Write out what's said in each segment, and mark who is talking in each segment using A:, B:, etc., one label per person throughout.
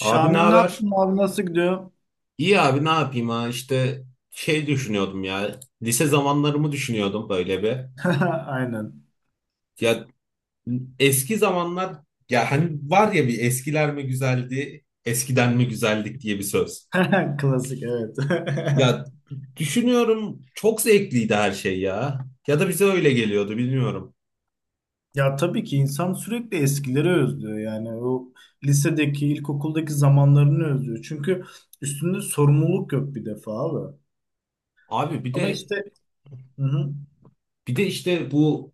A: Abi ne
B: ne
A: haber?
B: yaptın abi, nasıl gidiyor?
A: İyi abi ne yapayım ha işte şey düşünüyordum ya lise zamanlarımı düşünüyordum böyle bir.
B: Aynen.
A: Ya eski zamanlar ya hani var ya bir eskiler mi güzeldi eskiden mi güzeldik diye bir söz.
B: Klasik, evet.
A: Ya düşünüyorum çok zevkliydi her şey ya. Ya da bize öyle geliyordu bilmiyorum.
B: Ya tabii ki insan sürekli eskileri özlüyor, yani o lisedeki, ilkokuldaki zamanlarını özlüyor. Çünkü üstünde sorumluluk yok bir defa abi.
A: Abi bir
B: Ama
A: de.
B: işte hı hı.
A: Bir de işte bu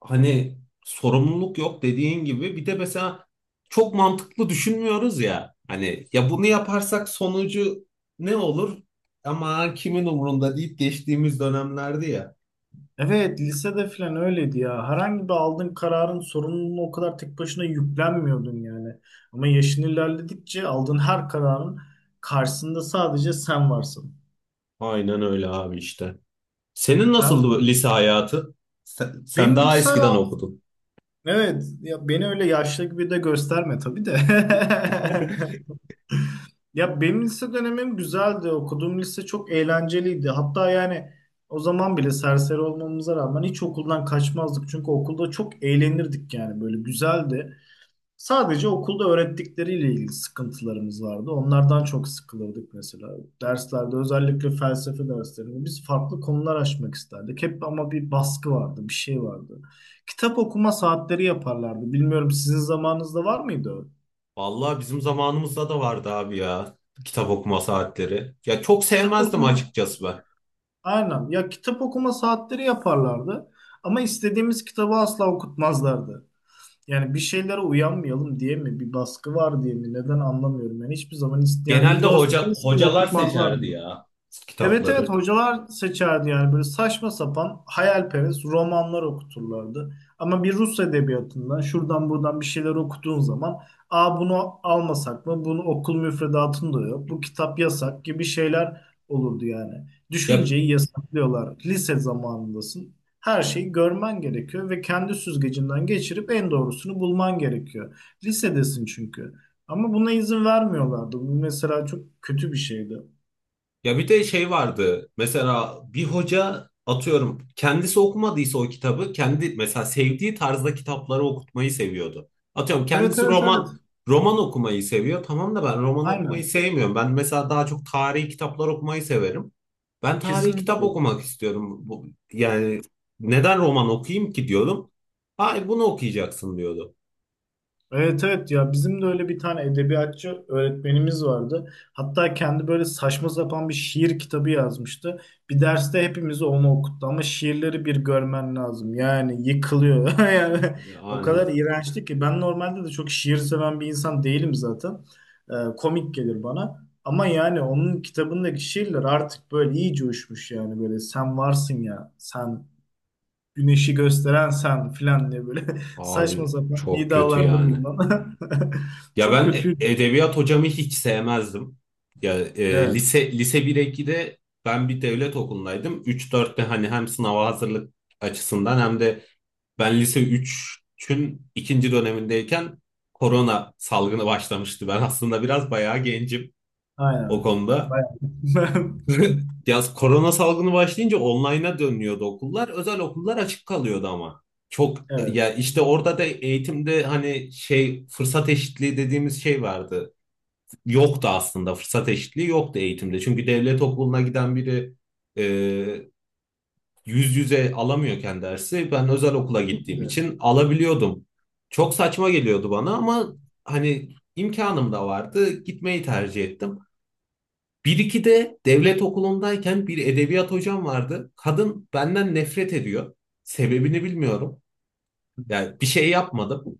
A: hani sorumluluk yok dediğin gibi bir de mesela çok mantıklı düşünmüyoruz ya. Hani ya bunu yaparsak sonucu ne olur? Ama kimin umurunda deyip geçtiğimiz dönemlerdi ya.
B: Evet, lisede falan öyleydi ya. Herhangi bir aldığın kararın sorumluluğunu o kadar tek başına yüklenmiyordun yani. Ama yaşın ilerledikçe aldığın her kararın karşısında sadece sen varsın.
A: Aynen öyle abi işte. Senin
B: Ben
A: nasıldı bu
B: de.
A: lise hayatı? Sen
B: Benim
A: daha
B: lise
A: eskiden okudun.
B: Evet, ya beni öyle yaşlı gibi de gösterme tabii de. Ya benim lise dönemim güzeldi. Okuduğum lise çok eğlenceliydi. Hatta yani o zaman bile serseri olmamıza rağmen hiç okuldan kaçmazdık. Çünkü okulda çok eğlenirdik, yani böyle güzeldi. Sadece okulda öğrettikleriyle ilgili sıkıntılarımız vardı. Onlardan çok sıkılırdık mesela. Derslerde, özellikle felsefe derslerinde biz farklı konular açmak isterdik. Hep ama bir baskı vardı, bir şey vardı. Kitap okuma saatleri yaparlardı. Bilmiyorum, sizin zamanınızda var mıydı o?
A: Vallahi bizim zamanımızda da vardı abi ya kitap okuma saatleri. Ya çok
B: Kitap
A: sevmezdim
B: okuma,
A: açıkçası ben.
B: aynen. Ya kitap okuma saatleri yaparlardı. Ama istediğimiz kitabı asla okutmazlardı. Yani bir şeylere uyanmayalım diye mi, bir baskı var diye mi, neden anlamıyorum. Yani hiçbir zaman ist yani bir
A: Genelde
B: dost
A: hoca
B: istiyor
A: hocalar seçerdi
B: okutmazlardı.
A: ya
B: Evet evet,
A: kitapları.
B: hocalar seçerdi yani, böyle saçma sapan hayalperest romanlar okuturlardı. Ama bir Rus edebiyatından şuradan buradan bir şeyler okuduğun zaman aa, bunu almasak mı? Bunu okul müfredatında da yok. Bu kitap yasak gibi şeyler olurdu yani.
A: Ya
B: Düşünceyi yasaklıyorlar. Lise zamanındasın. Her şeyi görmen gerekiyor ve kendi süzgecinden geçirip en doğrusunu bulman gerekiyor. Lisedesin çünkü. Ama buna izin vermiyorlardı. Bu mesela çok kötü bir şeydi.
A: Ya bir de şey vardı. Mesela bir hoca atıyorum kendisi okumadıysa o kitabı kendi mesela sevdiği tarzda kitapları okutmayı seviyordu. Atıyorum
B: Evet
A: kendisi
B: evet evet.
A: roman okumayı seviyor. Tamam da ben roman okumayı
B: Aynen.
A: sevmiyorum. Ben mesela daha çok tarihi kitaplar okumayı severim. Ben tarihi kitap
B: Kesinlikle.
A: okumak istiyorum. Yani neden roman okuyayım ki diyordum. Hayır bunu okuyacaksın diyordu.
B: Evet evet, ya bizim de öyle bir tane edebiyatçı öğretmenimiz vardı. Hatta kendi böyle saçma sapan bir şiir kitabı yazmıştı. Bir derste hepimize onu okuttu ama şiirleri bir görmen lazım. Yani yıkılıyor. Yani o
A: Yani
B: kadar iğrençti ki, ben normalde de çok şiir seven bir insan değilim zaten. Komik gelir bana. Ama yani onun kitabındaki şiirler artık böyle iyice uçmuş, yani böyle sen varsın ya, sen güneşi gösteren sen filan diye böyle saçma
A: abi
B: sapan
A: çok kötü
B: iddialarda
A: yani.
B: bulunan.
A: Ya
B: Çok
A: ben
B: kötüydü.
A: edebiyat hocamı hiç sevmezdim. Ya e,
B: Evet.
A: lise lise 1-2'de ben bir devlet okulundaydım. Üç dörtte hani hem sınava hazırlık açısından hem de ben lise üçün ikinci dönemindeyken korona salgını başlamıştı. Ben aslında biraz bayağı gencim o
B: Aynen.
A: konuda.
B: Bayağı.
A: Yaz korona salgını başlayınca online'a dönüyordu okullar. Özel okullar açık kalıyordu ama. Çok
B: Evet.
A: Ya işte orada da eğitimde hani şey fırsat eşitliği dediğimiz şey yoktu aslında fırsat eşitliği yoktu eğitimde. Çünkü devlet okuluna giden biri e, yüz yüze alamıyorken dersi ben özel okula
B: Tabii ki
A: gittiğim
B: de.
A: için alabiliyordum. Çok saçma geliyordu bana ama hani imkanım da vardı gitmeyi tercih ettim. Bir iki de devlet okulundayken bir edebiyat hocam vardı. Kadın benden nefret ediyor. Sebebini bilmiyorum. Yani bir şey yapmadım.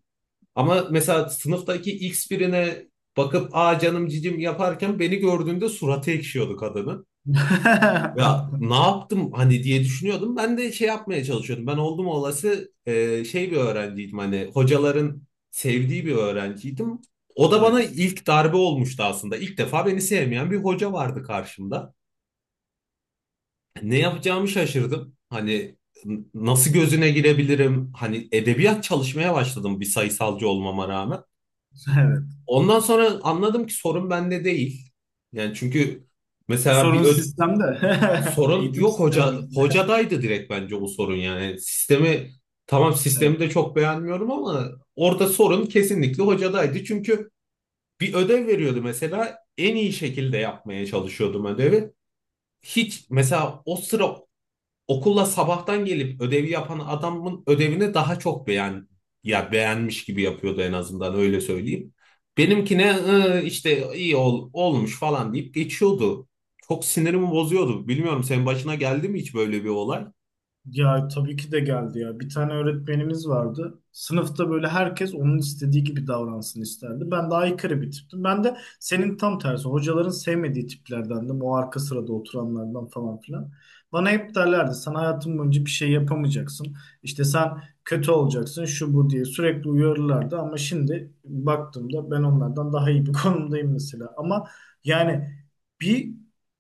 A: Ama mesela sınıftaki X birine bakıp aa canım cicim yaparken beni gördüğünde suratı ekşiyordu kadının. Ya ne yaptım hani diye düşünüyordum. Ben de şey yapmaya çalışıyordum. Ben oldum olası bir öğrenciydim hani hocaların sevdiği bir öğrenciydim. O da bana
B: Evet.
A: ilk darbe olmuştu aslında. İlk defa beni sevmeyen bir hoca vardı karşımda. Ne yapacağımı şaşırdım. Hani nasıl gözüne girebilirim? Hani edebiyat çalışmaya başladım bir sayısalcı olmama rağmen.
B: Evet.
A: Ondan sonra anladım ki sorun bende değil. Yani çünkü mesela
B: Sorun sistemde.
A: sorun
B: Eğitim
A: yok hoca
B: sistemimizde.
A: hocadaydı direkt bence bu sorun yani. Sistemi tamam sistemi de çok beğenmiyorum ama orada sorun kesinlikle hocadaydı. Çünkü bir ödev veriyordu mesela en iyi şekilde yapmaya çalışıyordum ödevi. Hiç mesela o sıra okulla sabahtan gelip ödevi yapan adamın ödevini daha çok ya beğenmiş gibi yapıyordu en azından öyle söyleyeyim. Benimkine işte iyi olmuş falan deyip geçiyordu. Çok sinirimi bozuyordu. Bilmiyorum senin başına geldi mi hiç böyle bir olay?
B: Ya tabii ki de geldi ya. Bir tane öğretmenimiz vardı. Sınıfta böyle herkes onun istediği gibi davransın isterdi. Ben de aykırı bir tiptim. Ben de senin tam tersi. Hocaların sevmediği tiplerdendim. O arka sırada oturanlardan falan filan. Bana hep derlerdi sen hayatın boyunca bir şey yapamayacaksın. İşte sen kötü olacaksın şu bu diye sürekli uyarırlardı. Ama şimdi baktığımda ben onlardan daha iyi bir konumdayım mesela. Ama yani bir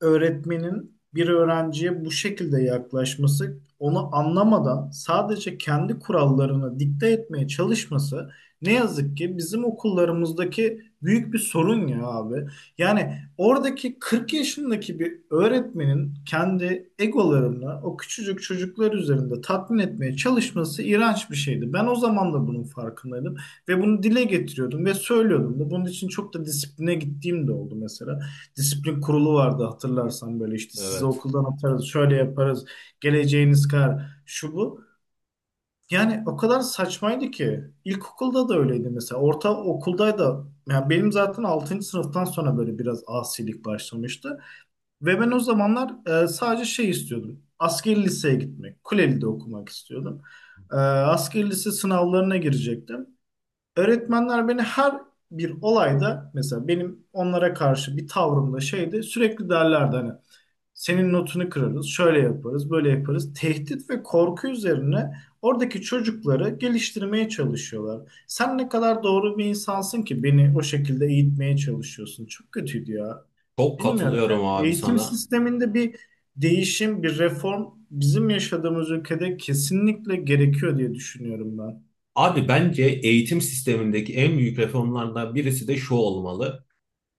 B: öğretmenin bir öğrenciye bu şekilde yaklaşması, onu anlamadan sadece kendi kurallarını dikte etmeye çalışması ne yazık ki bizim okullarımızdaki büyük bir sorun ya abi. Yani oradaki 40 yaşındaki bir öğretmenin kendi egolarını o küçücük çocuklar üzerinde tatmin etmeye çalışması iğrenç bir şeydi. Ben o zaman da bunun farkındaydım ve bunu dile getiriyordum ve söylüyordum da. Bunun için çok da disipline gittiğim de oldu mesela. Disiplin kurulu vardı hatırlarsan, böyle işte sizi
A: Evet.
B: okuldan atarız, şöyle yaparız, geleceğiniz kar şu bu. Yani o kadar saçmaydı ki. İlkokulda da öyleydi mesela. Orta okulda da yani, benim zaten 6. sınıftan sonra böyle biraz asilik başlamıştı. Ve ben o zamanlar sadece şey istiyordum. Askeri liseye gitmek. Kuleli'de okumak istiyordum. Askeri lise sınavlarına girecektim. Öğretmenler beni her bir olayda, mesela benim onlara karşı bir tavrımda şeydi, sürekli derlerdi hani senin notunu kırarız, şöyle yaparız, böyle yaparız. Tehdit ve korku üzerine oradaki çocukları geliştirmeye çalışıyorlar. Sen ne kadar doğru bir insansın ki beni o şekilde eğitmeye çalışıyorsun. Çok kötüydü ya.
A: Çok
B: Bilmiyorum
A: katılıyorum
B: yani.
A: abi
B: Eğitim
A: sana.
B: sisteminde bir değişim, bir reform bizim yaşadığımız ülkede kesinlikle gerekiyor diye düşünüyorum ben.
A: Abi bence eğitim sistemindeki en büyük reformlardan birisi de şu olmalı.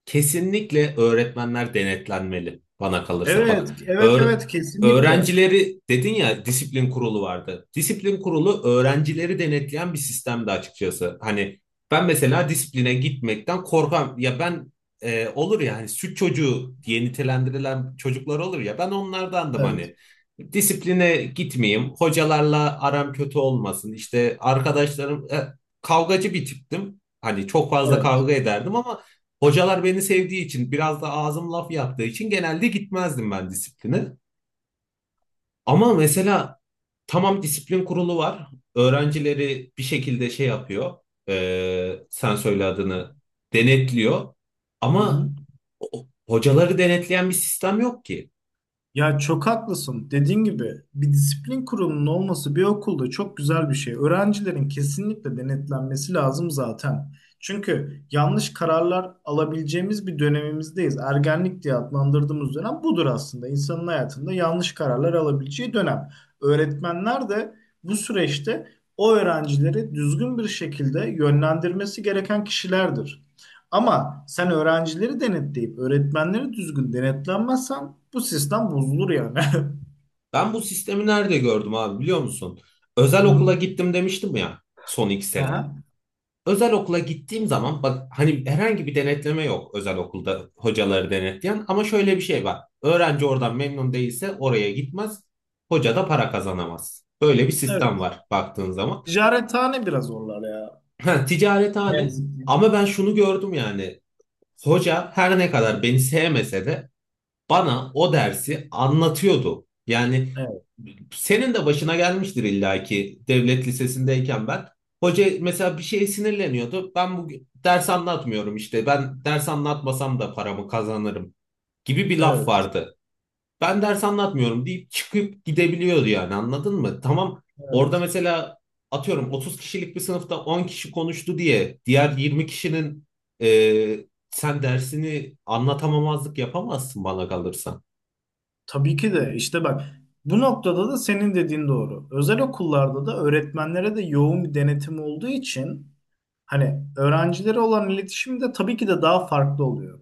A: Kesinlikle öğretmenler denetlenmeli bana kalırsa. Bak
B: Evet, evet,
A: öğ-
B: evet, kesinlikle.
A: öğrencileri dedin ya disiplin kurulu vardı. Disiplin kurulu öğrencileri denetleyen bir sistemdi açıkçası. Hani ben mesela disipline gitmekten korkan ya ben olur ya hani süt çocuğu diye nitelendirilen çocuklar olur ya ben onlardandım
B: Evet,
A: hani. Disipline gitmeyeyim, hocalarla aram kötü olmasın, işte arkadaşlarım kavgacı bir tiptim. Hani çok fazla
B: evet.
A: kavga ederdim ama hocalar beni sevdiği için biraz da ağzım laf yaptığı için genelde gitmezdim ben disipline. Ama mesela tamam disiplin kurulu var. Öğrencileri bir şekilde şey yapıyor. Sen söyle adını denetliyor.
B: Hı
A: Ama
B: hı.
A: hocaları denetleyen bir sistem yok ki.
B: Ya çok haklısın. Dediğin gibi bir disiplin kurulunun olması bir okulda çok güzel bir şey. Öğrencilerin kesinlikle denetlenmesi lazım zaten. Çünkü yanlış kararlar alabileceğimiz bir dönemimizdeyiz. Ergenlik diye adlandırdığımız dönem budur aslında. İnsanın hayatında yanlış kararlar alabileceği dönem. Öğretmenler de bu süreçte o öğrencileri düzgün bir şekilde yönlendirmesi gereken kişilerdir. Ama sen öğrencileri denetleyip öğretmenleri düzgün denetlenmezsen bu sistem bozulur yani.
A: Ben bu sistemi nerede gördüm abi biliyor musun? Özel
B: Hı hı.
A: okula gittim demiştim ya son 2 sene.
B: Aha.
A: Özel okula gittiğim zaman bak hani herhangi bir denetleme yok özel okulda hocaları denetleyen ama şöyle bir şey var. Öğrenci oradan memnun değilse oraya gitmez. Hoca da para kazanamaz. Böyle bir sistem
B: Evet.
A: var baktığın zaman.
B: Ticarethane biraz zorlar ya.
A: Ha,
B: Ne
A: ticarethane
B: yazık ki.
A: ama ben şunu gördüm yani. Hoca her ne kadar beni sevmese de bana o dersi anlatıyordu. Yani
B: Evet.
A: senin de başına gelmiştir illaki devlet lisesindeyken ben. Hoca mesela bir şeye sinirleniyordu. Ben bu ders anlatmıyorum işte. Ben ders anlatmasam da paramı kazanırım gibi bir laf
B: Evet.
A: vardı. Ben ders anlatmıyorum deyip çıkıp gidebiliyordu yani anladın mı? Tamam orada
B: Evet.
A: mesela atıyorum 30 kişilik bir sınıfta 10 kişi konuştu diye diğer 20 kişinin e, sen dersini anlatamamazlık yapamazsın bana kalırsa.
B: Tabii ki de işte bak, bu noktada da senin dediğin doğru. Özel okullarda da öğretmenlere de yoğun bir denetim olduğu için hani öğrencilere olan iletişim de tabii ki de daha farklı oluyor.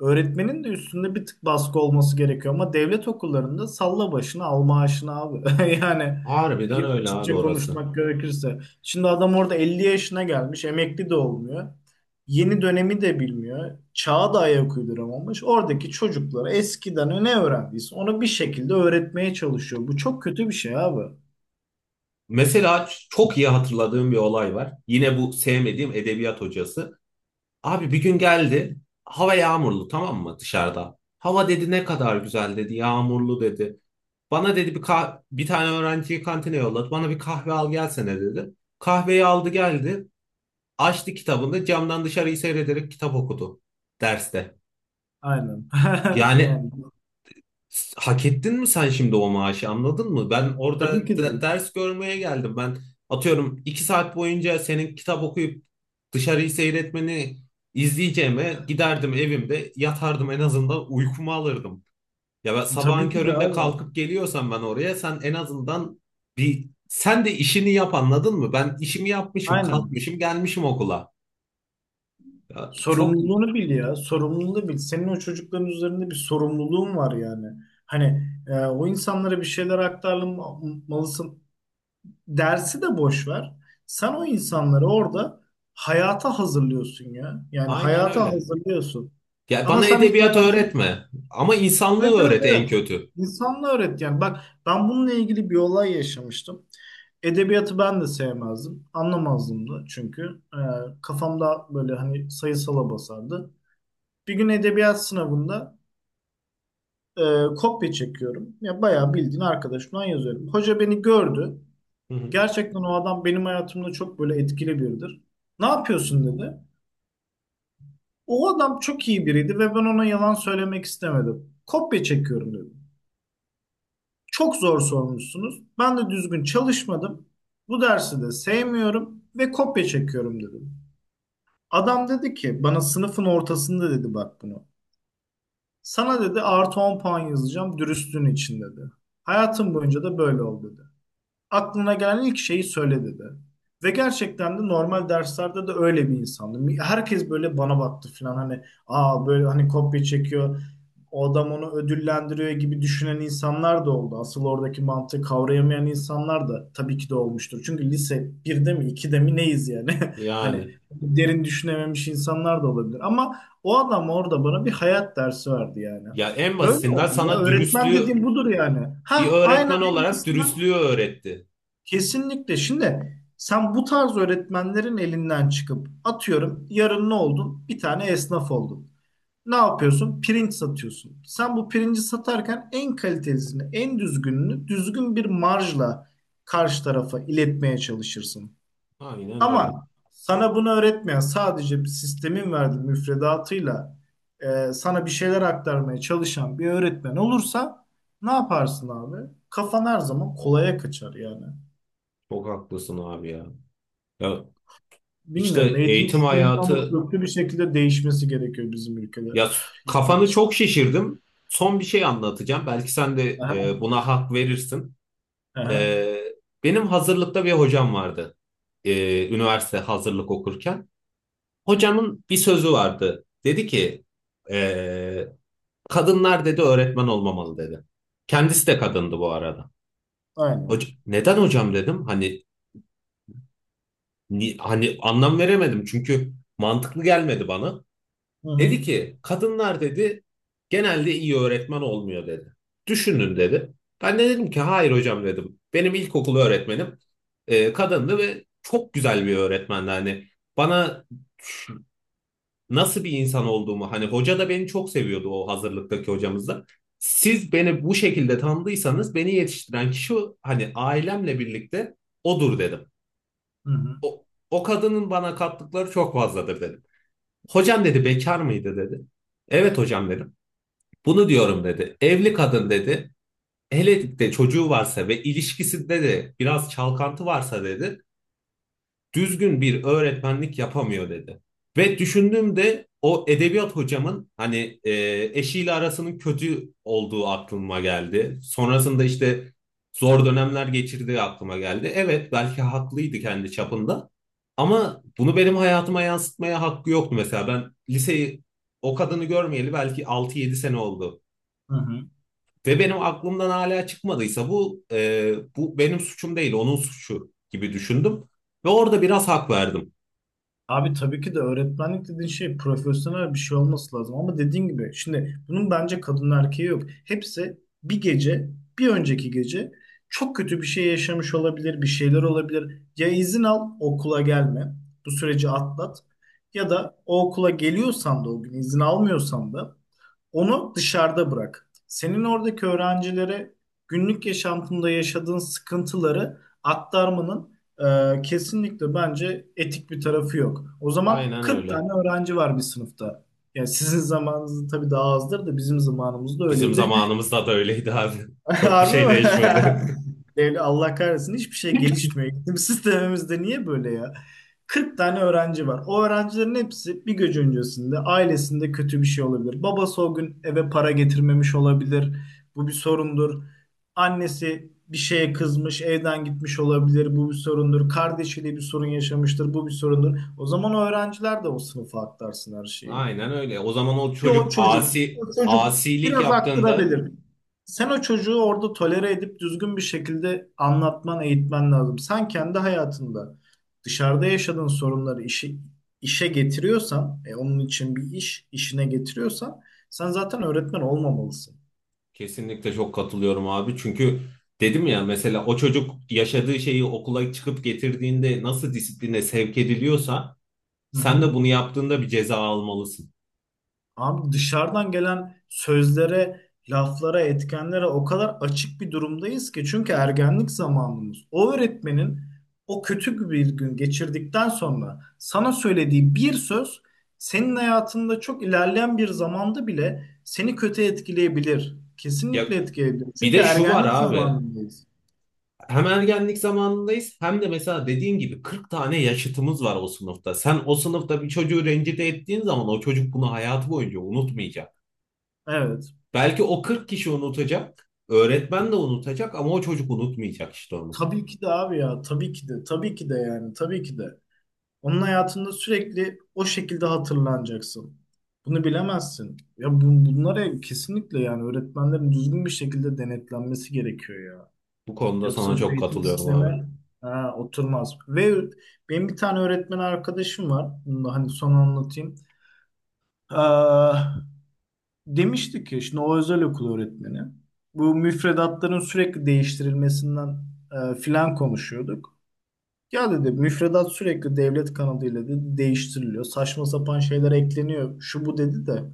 B: Öğretmenin de üstünde bir tık baskı olması gerekiyor ama devlet okullarında salla başını al maaşını abi. Yani
A: Harbiden
B: ki
A: öyle abi
B: açıkça
A: orası.
B: konuşmak gerekirse. Şimdi adam orada 50 yaşına gelmiş, emekli de olmuyor. Yeni dönemi de bilmiyor. Çağa da ayak uyduramamış. Oradaki çocuklara eskiden ne öğrendiyse onu bir şekilde öğretmeye çalışıyor. Bu çok kötü bir şey abi.
A: Mesela çok iyi hatırladığım bir olay var. Yine bu sevmediğim edebiyat hocası. Abi bir gün geldi. Hava yağmurlu tamam mı dışarıda? Hava dedi ne kadar güzel dedi. Yağmurlu dedi. Bana dedi bir tane öğrenciyi kantine yolladı. Bana bir kahve al gelsene dedi. Kahveyi aldı geldi. Açtı kitabını camdan dışarıyı seyrederek kitap okudu derste.
B: Aynen.
A: Yani
B: Yani
A: Hak ettin mi sen şimdi o maaşı anladın mı? Ben
B: tabii
A: orada
B: ki de,
A: ders görmeye geldim. Ben atıyorum 2 saat boyunca senin kitap okuyup dışarıyı seyretmeni izleyeceğime giderdim evimde yatardım en azından uykumu alırdım. Ya ben
B: tabii
A: sabahın
B: ki de
A: köründe
B: abi.
A: kalkıp geliyorsam ben oraya sen en azından bir sen de işini yap anladın mı? Ben işimi yapmışım
B: Aynen.
A: kalkmışım gelmişim okula. Ya çok iyi.
B: Sorumluluğunu bil ya. Sorumluluğunu bil. Senin o çocukların üzerinde bir sorumluluğun var yani. Hani o insanlara bir şeyler aktarmalısın. Dersi de boş ver. Sen o insanları orada hayata hazırlıyorsun ya. Yani
A: Aynen
B: hayata
A: öyle.
B: hazırlıyorsun.
A: Ya
B: Ama
A: bana
B: sen hiç
A: edebiyat
B: hayatını
A: öğretme ama insanlığı
B: Evet evet
A: öğret en
B: evet.
A: kötü.
B: İnsanla öğret yani. Bak, ben bununla ilgili bir olay yaşamıştım. Edebiyatı ben de sevmezdim. Anlamazdım da çünkü. Kafamda böyle hani sayısala basardı. Bir gün edebiyat sınavında e, kopya çekiyorum. Ya bayağı bildiğin arkadaşımdan yazıyorum. Hoca beni gördü.
A: Hı hı.
B: Gerçekten o adam benim hayatımda çok böyle etkili biridir. Ne yapıyorsun dedi. O adam çok iyi biriydi ve ben ona yalan söylemek istemedim. Kopya çekiyorum dedi. Çok zor sormuşsunuz. Ben de düzgün çalışmadım. Bu dersi de sevmiyorum ve kopya çekiyorum dedim. Adam dedi ki bana, sınıfın ortasında dedi, bak bunu. Sana dedi artı 10 puan yazacağım dürüstlüğün için dedi. Hayatım boyunca da böyle ol dedi. Aklına gelen ilk şeyi söyle dedi. Ve gerçekten de normal derslerde de öyle bir insandım. Herkes böyle bana baktı falan, hani aa böyle hani kopya çekiyor o adam onu ödüllendiriyor gibi düşünen insanlar da oldu. Asıl oradaki mantığı kavrayamayan insanlar da tabii ki de olmuştur. Çünkü lise 1'de mi 2'de mi neyiz yani? Hani
A: Yani
B: derin düşünememiş insanlar da olabilir. Ama o adam orada bana bir hayat dersi verdi yani.
A: ya en
B: Böyle
A: basitinden
B: olmalı ya.
A: sana
B: Öğretmen
A: dürüstlüğü
B: dediğim budur yani.
A: bir
B: Ha, aynen,
A: öğretmen
B: en
A: olarak
B: basitinden.
A: dürüstlüğü öğretti.
B: Kesinlikle. Şimdi sen bu tarz öğretmenlerin elinden çıkıp atıyorum yarın ne oldun? Bir tane esnaf oldun. Ne yapıyorsun? Pirinç satıyorsun. Sen bu pirinci satarken en kalitelisini, en düzgününü düzgün bir marjla karşı tarafa iletmeye çalışırsın.
A: Aynen öyle.
B: Ama sana bunu öğretmeyen, sadece bir sistemin verdiği müfredatıyla sana bir şeyler aktarmaya çalışan bir öğretmen olursa ne yaparsın abi? Kafan her zaman kolaya kaçar yani.
A: Çok haklısın abi ya. Ya işte
B: Bilmiyorum, eğitim
A: eğitim
B: sisteminin ama
A: hayatı
B: köklü bir şekilde değişmesi gerekiyor bizim ülkede.
A: ya kafanı çok şişirdim. Son bir şey anlatacağım. Belki sen de
B: Aha,
A: buna hak verirsin.
B: aha,
A: E, benim hazırlıkta bir hocam vardı. Üniversite hazırlık okurken. Hocamın bir sözü vardı. Dedi ki e, kadınlar dedi öğretmen olmamalı dedi. Kendisi de kadındı bu arada.
B: aynen.
A: Neden hocam dedim. Hani hani anlam veremedim çünkü mantıklı gelmedi bana.
B: Hı
A: Dedi
B: hı.
A: ki kadınlar dedi genelde iyi öğretmen olmuyor dedi. Düşünün dedi. Ben de dedim ki hayır hocam dedim. Benim ilkokul öğretmenim kadındı ve çok güzel bir öğretmendi. Hani bana ş- nasıl bir insan olduğumu hani hoca da beni çok seviyordu o hazırlıktaki hocamız da. Siz beni bu şekilde tanıdıysanız beni yetiştiren kişi hani ailemle birlikte odur dedim.
B: Hı hı,
A: O kadının bana kattıkları çok fazladır dedim. Hocam dedi bekar mıydı dedi. Evet hocam dedim. Bunu diyorum dedi. Evli kadın dedi. Hele de çocuğu varsa ve ilişkisinde de biraz çalkantı varsa dedi düzgün bir öğretmenlik yapamıyor dedi. Ve düşündüğümde o edebiyat hocamın hani eşiyle arasının kötü olduğu aklıma geldi. Sonrasında işte zor dönemler geçirdiği aklıma geldi. Evet belki haklıydı kendi çapında ama bunu benim hayatıma yansıtmaya hakkı yoktu mesela. Ben liseyi o kadını görmeyeli belki 6-7 sene oldu.
B: hı hı.
A: Ve benim aklımdan hala çıkmadıysa bu benim suçum değil, onun suçu gibi düşündüm. Ve orada biraz hak verdim.
B: Abi, tabii ki de öğretmenlik dediğin şey profesyonel bir şey olması lazım ama dediğin gibi şimdi bunun bence kadın erkeği yok. Hepsi bir gece, bir önceki gece çok kötü bir şey yaşamış olabilir, bir şeyler olabilir. Ya izin al okula gelme, bu süreci atlat ya da o okula geliyorsan da, o gün izin almıyorsan da onu dışarıda bırak. Senin oradaki öğrencilere günlük yaşantında yaşadığın sıkıntıları aktarmanın kesinlikle bence etik bir tarafı yok. O zaman
A: Aynen
B: 40
A: öyle.
B: tane öğrenci var bir sınıfta. Yani sizin zamanınızda tabii daha azdır da bizim zamanımızda
A: Bizim
B: öyleydi.
A: zamanımızda da öyleydi abi. Çok bir
B: Harbi
A: şey
B: mi?
A: değişmedi.
B: Devlet Allah kahretsin, hiçbir şey gelişmiyor. Eğitim sistemimizde niye böyle ya? 40 tane öğrenci var. O öğrencilerin hepsi bir gece öncesinde ailesinde kötü bir şey olabilir. Babası o gün eve para getirmemiş olabilir. Bu bir sorundur. Annesi bir şeye kızmış, evden gitmiş olabilir. Bu bir sorundur. Kardeşiyle bir sorun yaşamıştır. Bu bir sorundur. O zaman o öğrenciler de o sınıfa aktarsın her şeyi.
A: Aynen öyle. O zaman o
B: Ya o
A: çocuk
B: çocuk, o çocuk
A: asilik
B: biraz
A: yaptığında
B: aktırabilir. Sen o çocuğu orada tolere edip düzgün bir şekilde anlatman, eğitmen lazım. Sen kendi hayatında dışarıda yaşadığın sorunları işi, işe getiriyorsan, onun için bir iş, işine getiriyorsan sen zaten öğretmen olmamalısın.
A: kesinlikle çok katılıyorum abi. Çünkü dedim ya mesela o çocuk yaşadığı şeyi okula çıkıp getirdiğinde nasıl disipline sevk ediliyorsa
B: Hı
A: sen
B: hı.
A: de bunu yaptığında bir ceza almalısın.
B: Abi dışarıdan gelen sözlere, laflara, etkenlere o kadar açık bir durumdayız ki, çünkü ergenlik zamanımız. O öğretmenin o kötü bir gün geçirdikten sonra sana söylediği bir söz senin hayatında çok ilerleyen bir zamanda bile seni kötü etkileyebilir.
A: Ya
B: Kesinlikle etkileyebilir.
A: bir
B: Çünkü
A: de şu var
B: ergenlik
A: abi.
B: zamanındayız.
A: Hem ergenlik zamanındayız hem de mesela dediğin gibi 40 tane yaşıtımız var o sınıfta. Sen o sınıfta bir çocuğu rencide ettiğin zaman o çocuk bunu hayatı boyunca unutmayacak.
B: Evet.
A: Belki o 40 kişi unutacak, öğretmen de unutacak ama o çocuk unutmayacak işte onu.
B: Tabii ki de abi ya. Tabii ki de. Tabii ki de yani. Tabii ki de. Onun hayatında sürekli o şekilde hatırlanacaksın. Bunu bilemezsin. Ya bu, bunlara kesinlikle yani öğretmenlerin düzgün bir şekilde denetlenmesi gerekiyor ya.
A: Bu konuda
B: Yoksa
A: sana
B: bu
A: çok
B: eğitim
A: katılıyorum abi.
B: sistemi ha, oturmaz. Ve benim bir tane öğretmen arkadaşım var. Bunu da hani son anlatayım. Aa, demişti ki şimdi, o özel okul öğretmeni. Bu müfredatların sürekli değiştirilmesinden filan konuşuyorduk. Ya dedi müfredat sürekli devlet kanadıyla dedi değiştiriliyor. Saçma sapan şeyler ekleniyor. Şu bu dedi de.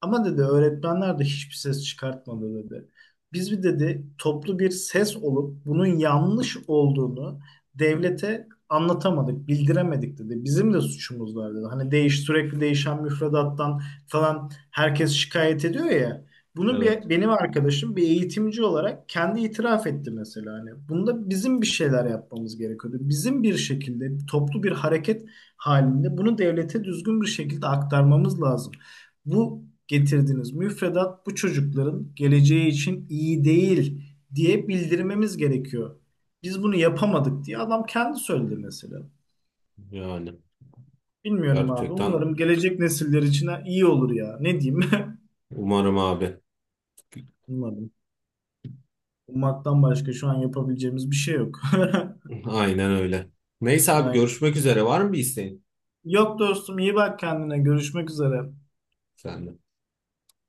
B: Ama dedi öğretmenler de hiçbir ses çıkartmadı dedi. Biz bir dedi toplu bir ses olup bunun yanlış olduğunu devlete anlatamadık, bildiremedik dedi. Bizim de suçumuz var dedi. Hani değiş sürekli değişen müfredattan falan herkes şikayet ediyor ya. Bunu
A: Evet.
B: bir, benim arkadaşım bir eğitimci olarak kendi itiraf etti mesela. Hani bunda bizim bir şeyler yapmamız gerekiyordu. Bizim bir şekilde toplu bir hareket halinde bunu devlete düzgün bir şekilde aktarmamız lazım, bu getirdiğiniz müfredat bu çocukların geleceği için iyi değil diye bildirmemiz gerekiyor. Biz bunu yapamadık diye adam kendi söyledi mesela.
A: Yani
B: Bilmiyorum abi.
A: gerçekten
B: Umarım gelecek nesiller için ha- iyi olur ya. Ne diyeyim?
A: umarım abi.
B: Umarım. Ummaktan başka şu an yapabileceğimiz bir şey yok.
A: Aynen öyle. Neyse abi
B: Aynen.
A: görüşmek üzere. Var mı bir isteğin
B: Yok dostum, iyi bak kendine. Görüşmek üzere.
A: senden?